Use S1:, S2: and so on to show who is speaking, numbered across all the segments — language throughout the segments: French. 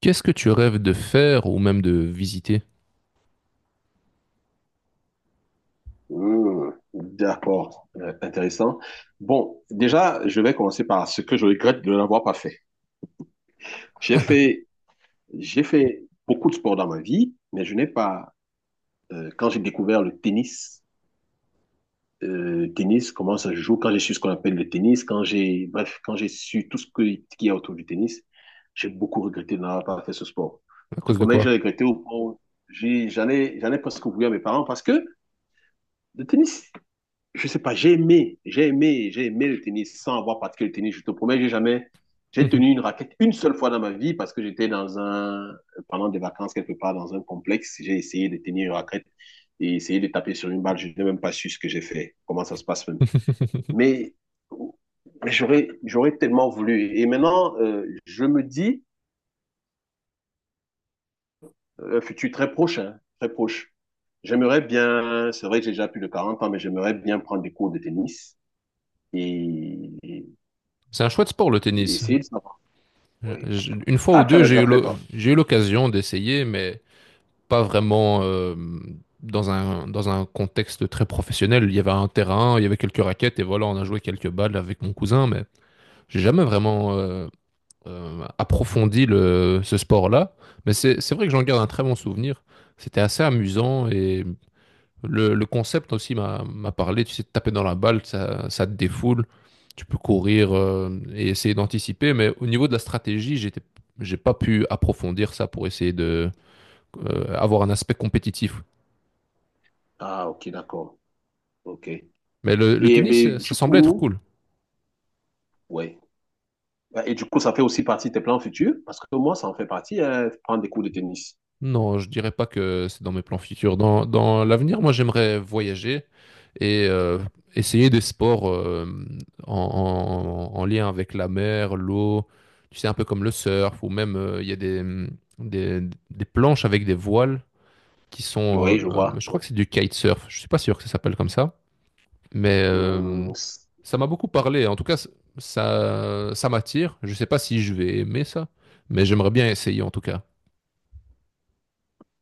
S1: Qu'est-ce que tu rêves de faire ou même de visiter?
S2: Mmh, d'accord. Intéressant. Bon, déjà, je vais commencer par ce que je regrette de n'avoir pas fait. J'ai fait, j'ai fait beaucoup de sport dans ma vie, mais je n'ai pas, quand j'ai découvert le tennis, tennis, comment ça se joue, quand j'ai su ce qu'on appelle le tennis, bref, quand j'ai su tout qu'il y a autour du tennis, j'ai beaucoup regretté de n'avoir pas fait ce sport.
S1: À
S2: Je te
S1: cause de
S2: promets que j'ai
S1: quoi?
S2: regretté au point où j'allais presque ouvrir mes parents parce que le tennis, je sais pas, j'ai aimé le tennis sans avoir pratiqué le tennis. Je te promets, j'ai jamais, j'ai tenu une raquette une seule fois dans ma vie parce que j'étais pendant des vacances quelque part dans un complexe, j'ai essayé de tenir une raquette et essayé de taper sur une balle. Je n'ai même pas su ce que j'ai fait, comment ça se passe même. Mais j'aurais tellement voulu. Et maintenant, je me dis, futur très proche, hein, très proche. J'aimerais bien, c'est vrai que j'ai déjà plus de 40 ans, mais j'aimerais bien prendre des cours de tennis. Et
S1: C'est un chouette sport, le tennis.
S2: essayer de savoir. Oui.
S1: Une fois ou
S2: Ah, tu en
S1: deux,
S2: as
S1: j'ai
S2: déjà
S1: eu
S2: fait, toi.
S1: j'ai eu l'occasion d'essayer, mais pas vraiment dans un contexte très professionnel. Il y avait un terrain, il y avait quelques raquettes, et voilà, on a joué quelques balles avec mon cousin, mais j'ai jamais vraiment approfondi ce sport-là. Mais c'est vrai que j'en garde un très bon souvenir. C'était assez amusant et. Le concept aussi m'a parlé, tu sais, de taper dans la balle, ça te défoule, tu peux courir et essayer d'anticiper, mais au niveau de la stratégie, j'ai pas pu approfondir ça pour essayer de avoir un aspect compétitif.
S2: Ah, ok, d'accord. Ok.
S1: Mais le
S2: Et
S1: tennis,
S2: mais,
S1: ça
S2: du
S1: semblait être
S2: coup,
S1: cool.
S2: ouais. Ouais, et du coup, ça fait aussi partie de tes plans futurs, parce que moi, ça en fait partie, hein, prendre des cours de tennis.
S1: Non, je dirais pas que c'est dans mes plans futurs. Dans l'avenir, moi, j'aimerais voyager et essayer des sports en, en lien avec la mer, l'eau, tu sais, un peu comme le surf, ou même il y a des, des planches avec des voiles qui sont,
S2: Oui, je vois.
S1: je crois
S2: Oui.
S1: que c'est du kitesurf, je suis pas sûr que ça s'appelle comme ça, mais
S2: Hum.
S1: ça m'a beaucoup parlé. En tout cas, ça m'attire. Je sais pas si je vais aimer ça, mais j'aimerais bien essayer en tout cas.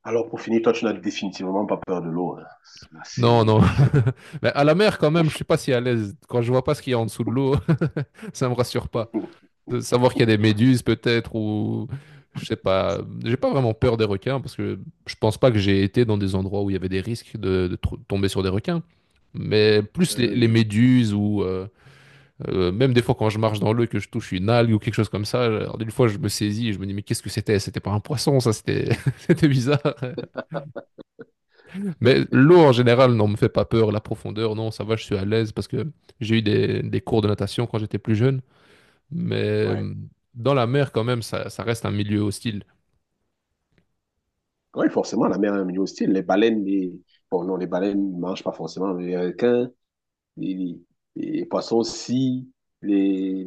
S2: Alors, pour finir, toi, tu n'as définitivement pas peur de l'eau, hein. Ça,
S1: Non,
S2: c'est.
S1: non. Mais à la mer, quand même, je suis pas si à l'aise. Quand je vois pas ce qu'il y a en dessous de l'eau, ça me rassure pas. De savoir qu'il y a des méduses, peut-être, ou je sais pas. J'ai pas vraiment peur des requins parce que je pense pas que j'ai été dans des endroits où il y avait des risques de tomber sur des requins. Mais plus les
S2: Euh,
S1: méduses ou même des fois quand je marche dans l'eau et que je touche une algue ou quelque chose comme ça, alors, une fois je me saisis et je me dis mais qu'est-ce que c'était? C'était pas un poisson, ça c'était c'était bizarre. Mais l'eau en général, non, me fait pas peur. La profondeur, non, ça va, je suis à l'aise parce que j'ai eu des cours de natation quand j'étais plus jeune. Mais
S2: ouais.
S1: euh, dans la mer, quand même, ça reste un milieu hostile.
S2: Oui, forcément, la mer est un milieu hostile. Les baleines, bon, non, les baleines ne mangent pas forcément, mais les requins, les, les- les poissons aussi,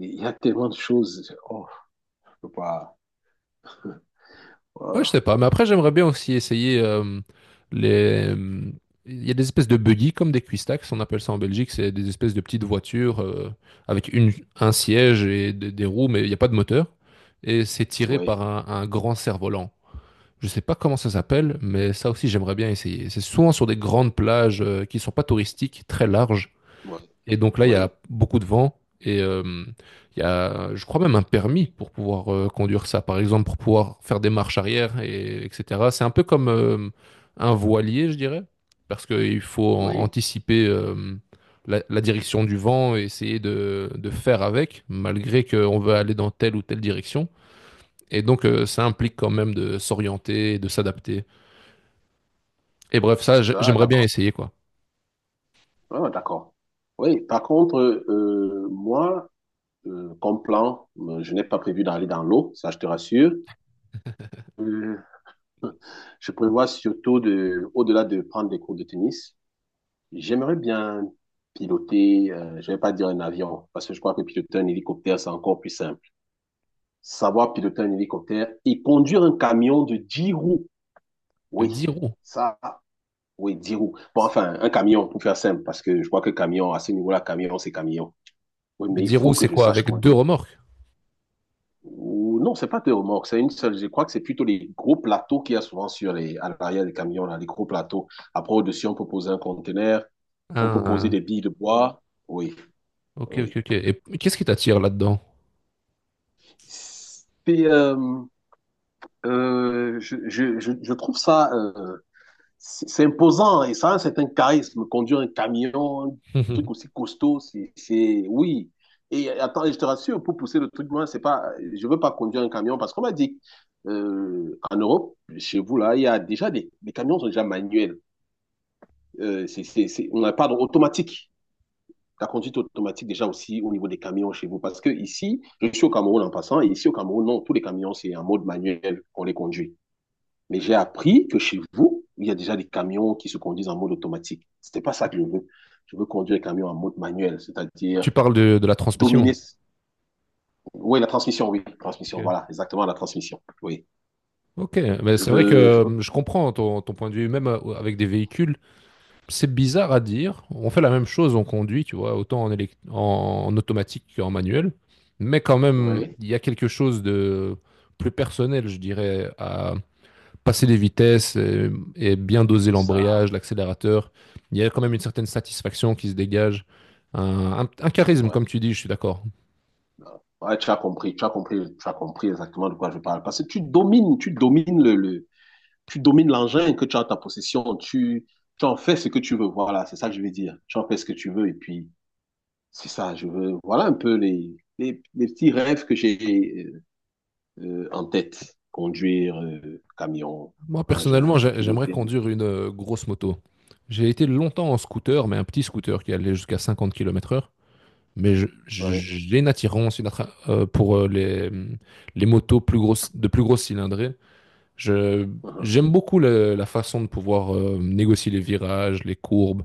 S2: il y a tellement de choses. Oh, je peux pas.
S1: Ouais, je
S2: Ah,
S1: sais pas, mais après j'aimerais bien aussi essayer les. Il y a des espèces de buggy comme des cuistax, on appelle ça en Belgique, c'est des espèces de petites voitures avec un siège et des roues, mais il n'y a pas de moteur. Et c'est tiré par
S2: oui,
S1: un grand cerf-volant. Je sais pas comment ça s'appelle, mais ça aussi j'aimerais bien essayer. C'est souvent sur des grandes plages qui sont pas touristiques, très larges,
S2: oui,
S1: et donc là, il y a
S2: oui,
S1: beaucoup de vent et il y a, je crois même un permis pour pouvoir conduire ça, par exemple, pour pouvoir faire des marches arrière, et, etc. C'est un peu comme un voilier, je dirais, parce qu'il faut
S2: oui.
S1: anticiper la direction du vent et essayer de faire avec, malgré qu'on veut aller dans telle ou telle direction. Et donc, ça implique quand même de s'orienter, et de s'adapter. Et bref, ça,
S2: Ah,
S1: j'aimerais bien
S2: d'accord.
S1: essayer, quoi.
S2: Ah, d'accord. Oui, par contre, moi, comme plan, je n'ai pas prévu d'aller dans l'eau, ça je te rassure. Euh, je prévois surtout de, au-delà de prendre des cours de tennis. J'aimerais bien piloter, je vais pas dire un avion, parce que je crois que piloter un hélicoptère, c'est encore plus simple. Savoir piloter un hélicoptère et conduire un camion de 10 roues.
S1: De
S2: Oui,
S1: 10 roues.
S2: ça, oui, 10 roues. Bon, enfin, un camion, pour faire simple, parce que je crois que camion, à ce niveau-là, camion, c'est camion. Oui,
S1: Mais
S2: mais il
S1: 10 roues,
S2: faut que
S1: c'est
S2: je
S1: quoi?
S2: sache
S1: Avec deux
S2: conduire.
S1: remorques?
S2: Ou, non, c'est pas deux remorques, c'est une seule. Je crois que c'est plutôt les gros plateaux qu'il y a souvent à l'arrière des camions, là, les gros plateaux. Après, au-dessus, on peut poser un conteneur, on peut poser des billes de bois. Oui,
S1: Ok, ok,
S2: oui.
S1: ok. Et qu'est-ce qui t'attire là-dedans?
S2: c'est, je trouve ça, c'est imposant et ça a un certain charisme. Conduire un camion, un truc aussi costaud, oui. Et attends, et je te rassure, pour pousser le truc loin, c'est pas, je veux pas conduire un camion parce qu'on m'a dit en Europe, chez vous là, il y a déjà les camions sont déjà manuels. On n'a pas d'automatique ta conduite automatique déjà aussi au niveau des camions chez vous. Parce que ici, je suis au Cameroun en passant, et ici au Cameroun, non, tous les camions, c'est en mode manuel qu'on les conduit. Mais j'ai appris que chez vous, il y a déjà des camions qui se conduisent en mode automatique. Ce n'est pas ça que je veux. Je veux conduire les camions en mode manuel, c'est-à-dire
S1: Tu parles de la transmission.
S2: dominer. Oui, la transmission, oui, transmission,
S1: Ok,
S2: voilà, exactement la transmission. Oui,
S1: Ok, mais
S2: je
S1: c'est vrai que
S2: veux, je veux.
S1: je comprends ton point de vue, même avec des véhicules, c'est bizarre à dire. On fait la même chose, on conduit, tu vois, autant en automatique qu'en manuel. Mais quand même,
S2: Oui,
S1: il y a quelque chose de plus personnel, je dirais, à passer des vitesses et bien doser
S2: c'est ça,
S1: l'embrayage, l'accélérateur. Il y a quand même une certaine satisfaction qui se dégage, un
S2: c'est
S1: charisme,
S2: vrai.
S1: comme tu dis, je suis d'accord.
S2: Ouais, tu as compris, tu as compris, tu as compris exactement de quoi je parle. Parce que tu domines l'engin que tu as en ta possession. Tu en fais ce que tu veux. Voilà, c'est ça que je veux dire. Tu en fais ce que tu veux. Et puis, c'est ça, je veux. Voilà un peu les petits rêves que j'ai en tête. Conduire, camion,
S1: Moi, personnellement,
S2: engin,
S1: j'aimerais
S2: piloter.
S1: conduire une grosse moto. J'ai été longtemps en scooter, mais un petit scooter qui allait jusqu'à 50 km/h. Mais
S2: Ouais.
S1: j'ai une attirance pour les motos plus grosses, de plus grosses cylindrées. Je,
S2: Uh -huh.
S1: j'aime beaucoup la façon de pouvoir négocier les virages, les courbes.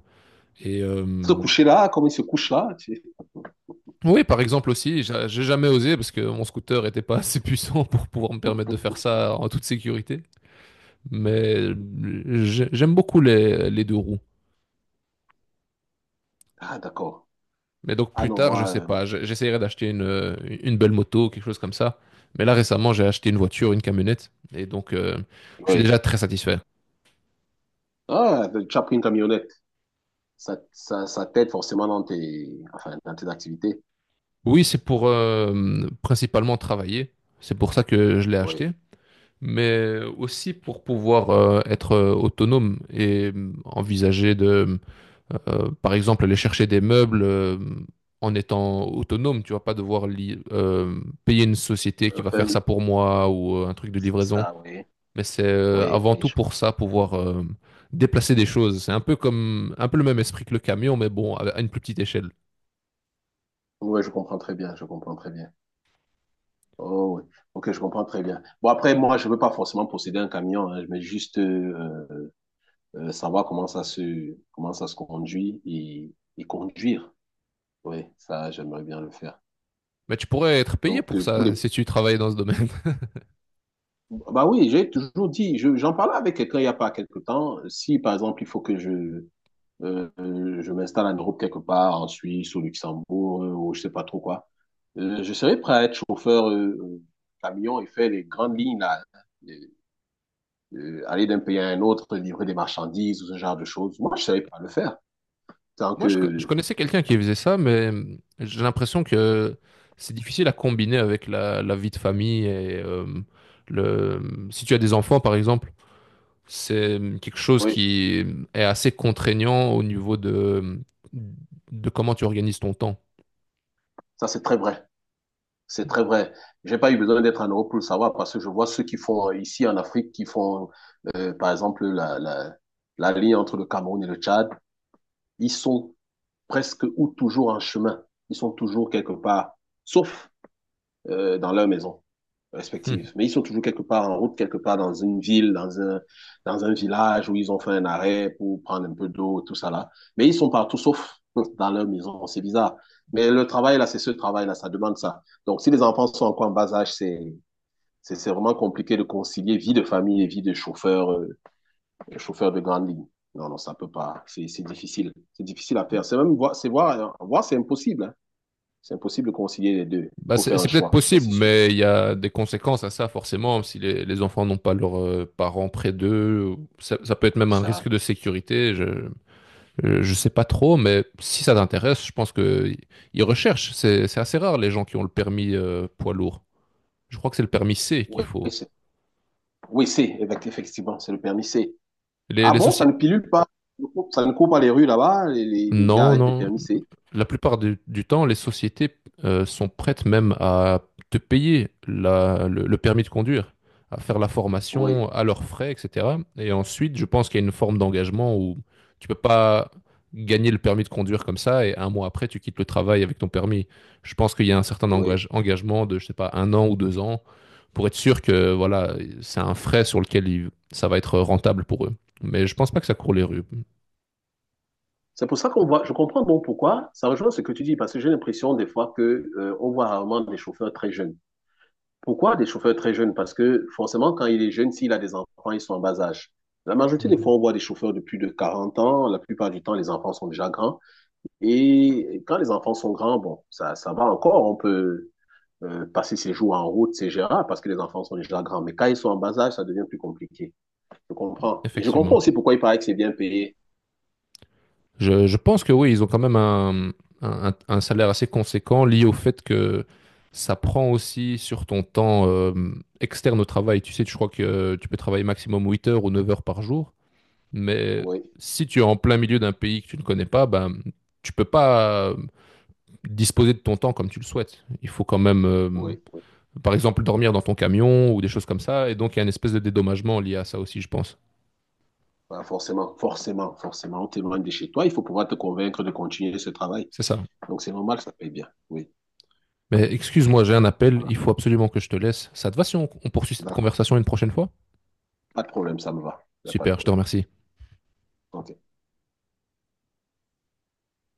S1: Et
S2: Se coucher là, comme il se couche là.
S1: oui, par exemple aussi, j'ai jamais osé parce que mon scooter n'était pas assez puissant pour pouvoir me permettre de faire ça en toute sécurité. Mais j'aime beaucoup les deux roues.
S2: Ah, d'accord.
S1: Mais donc
S2: Ah
S1: plus
S2: non,
S1: tard, je
S2: moi,
S1: sais pas, j'essaierai d'acheter une belle moto, quelque chose comme ça. Mais là récemment, j'ai acheté une voiture, une camionnette, et donc je suis
S2: oui.
S1: déjà très satisfait.
S2: Ah, tu as pris une camionnette. Ça t'aide forcément enfin, dans tes activités.
S1: Oui, c'est pour principalement travailler, c'est pour ça que je l'ai
S2: Oui.
S1: acheté, mais aussi pour pouvoir être autonome et envisager de, par exemple, aller chercher des meubles en étant autonome, tu vas pas devoir payer une société qui va faire ça
S2: Enfin,
S1: pour moi ou un truc de
S2: c'est
S1: livraison.
S2: ça, oui.
S1: Mais c'est
S2: Oui,
S1: avant tout
S2: oui,
S1: pour ça, pouvoir déplacer des choses. C'est un peu comme, un peu le même esprit que le camion, mais bon, à une plus petite échelle.
S2: oui, je comprends très bien, je comprends très bien. Oh, oui. Ok, je comprends très bien. Bon, après, moi, je veux pas forcément posséder un camion, hein, je veux juste savoir comment ça se conduit et conduire. Oui, ça, j'aimerais bien le faire.
S1: Mais tu pourrais être payé
S2: Donc.
S1: pour ça si tu travaillais dans ce domaine.
S2: Bah oui, j'ai toujours dit, j'en parlais avec quelqu'un il y a pas quelque temps. Si, par exemple, il faut que Euh, je m'installe en Europe quelque part, en Suisse, au Luxembourg, ou je sais pas trop quoi. Je serais prêt à être chauffeur camion et faire les grandes lignes là, Euh, aller d'un pays à un autre, livrer des marchandises ou ce genre de choses. Moi, je savais pas le faire. Tant
S1: Moi, je
S2: que,
S1: connaissais quelqu'un qui faisait ça, mais j'ai l'impression que c'est difficile à combiner avec la vie de famille et si tu as des enfants, par exemple, c'est quelque chose
S2: oui,
S1: qui est assez contraignant au niveau de comment tu organises ton temps.
S2: ça c'est très vrai. C'est très vrai. J'ai pas eu besoin d'être en Europe pour le savoir parce que je vois ceux qui font ici en Afrique, par exemple, la ligne entre le Cameroun et le Tchad. Ils sont presque ou toujours en chemin. Ils sont toujours quelque part, sauf dans leur maison
S1: Hmm.
S2: respective. Mais ils sont toujours quelque part en route, quelque part dans une ville, dans un village où ils ont fait un arrêt pour prendre un peu d'eau, tout ça là. Mais ils sont partout sauf dans leur maison. C'est bizarre. Mais le travail là, c'est ce travail là, ça demande ça. Donc si les enfants sont encore en bas âge, c'est vraiment compliqué de concilier vie de famille et vie de chauffeur chauffeur de grande ligne. Non, non, ça ne peut pas. C'est difficile. C'est difficile à faire. C'est même voir, c'est voir, c'est impossible. Hein. C'est impossible de concilier les deux. Il
S1: Bah,
S2: faut
S1: c'est
S2: faire un
S1: c'est peut-être
S2: choix, ça
S1: possible,
S2: c'est sûr.
S1: mais il y a des conséquences à ça, forcément. Si les enfants n'ont pas leurs parents près d'eux, ça peut être même un risque
S2: Ça,
S1: de sécurité. Je sais pas trop, mais si ça t'intéresse, je pense que ils recherchent. C'est assez rare les gens qui ont le permis poids lourd. Je crois que c'est le permis C qu'il
S2: oui,
S1: faut.
S2: c'est, oui, c'est, effectivement, c'est le permis C.
S1: Les,
S2: Ah
S1: les
S2: bon, ça
S1: sociétés.
S2: ne pilule pas, ça ne court pas les rues là-bas, les gars
S1: Non,
S2: arrêtent les
S1: non.
S2: permis C.
S1: La plupart du temps, les sociétés sont prêtes même à te payer le permis de conduire, à faire la
S2: Oui,
S1: formation à leurs frais, etc. Et ensuite, je pense qu'il y a une forme d'engagement où tu peux pas gagner le permis de conduire comme ça et un mois après, tu quittes le travail avec ton permis. Je pense qu'il y a un certain
S2: oui.
S1: engagement de, je sais pas, un an ou 2 ans pour être sûr que voilà, c'est un frais sur lequel ça va être rentable pour eux. Mais je pense pas que ça court les rues.
S2: C'est pour ça qu'on voit, je comprends bon pourquoi, ça rejoint ce que tu dis, parce que j'ai l'impression des fois que, on voit rarement des chauffeurs très jeunes. Pourquoi des chauffeurs très jeunes? Parce que forcément, quand il est jeune, s'il a des enfants, ils sont en bas âge. La majorité des
S1: Mhm.
S2: fois, on voit des chauffeurs de plus de 40 ans. La plupart du temps, les enfants sont déjà grands. Et quand les enfants sont grands, bon, ça va encore. On peut passer ses jours en route, c'est gérable parce que les enfants sont déjà grands. Mais quand ils sont en bas âge, ça devient plus compliqué. Je comprends. Et je comprends
S1: Effectivement.
S2: aussi pourquoi il paraît que c'est bien payé.
S1: Je pense que oui, ils ont quand même un salaire assez conséquent lié au fait que ça prend aussi sur ton temps externe au travail. Tu sais, je crois que tu peux travailler maximum 8 heures ou 9 heures par jour, mais
S2: Oui,
S1: si tu es en plein milieu d'un pays que tu ne connais pas, ben, tu peux pas disposer de ton temps comme tu le souhaites. Il faut quand même,
S2: oui, oui.
S1: par exemple, dormir dans ton camion ou des choses comme ça, et donc il y a une espèce de dédommagement lié à ça aussi, je pense.
S2: Bah, forcément, forcément, forcément. On t'éloigne de chez toi. Il faut pouvoir te convaincre de continuer ce travail.
S1: C'est ça.
S2: Donc, c'est normal, ça paye bien. Oui.
S1: Mais excuse-moi, j'ai un appel,
S2: Voilà.
S1: il faut absolument que je te laisse. Ça te va si on poursuit cette
S2: D'accord.
S1: conversation une prochaine fois?
S2: Pas de problème, ça me va. Il n'y a pas de
S1: Super, je te
S2: problème.
S1: remercie.
S2: Ok.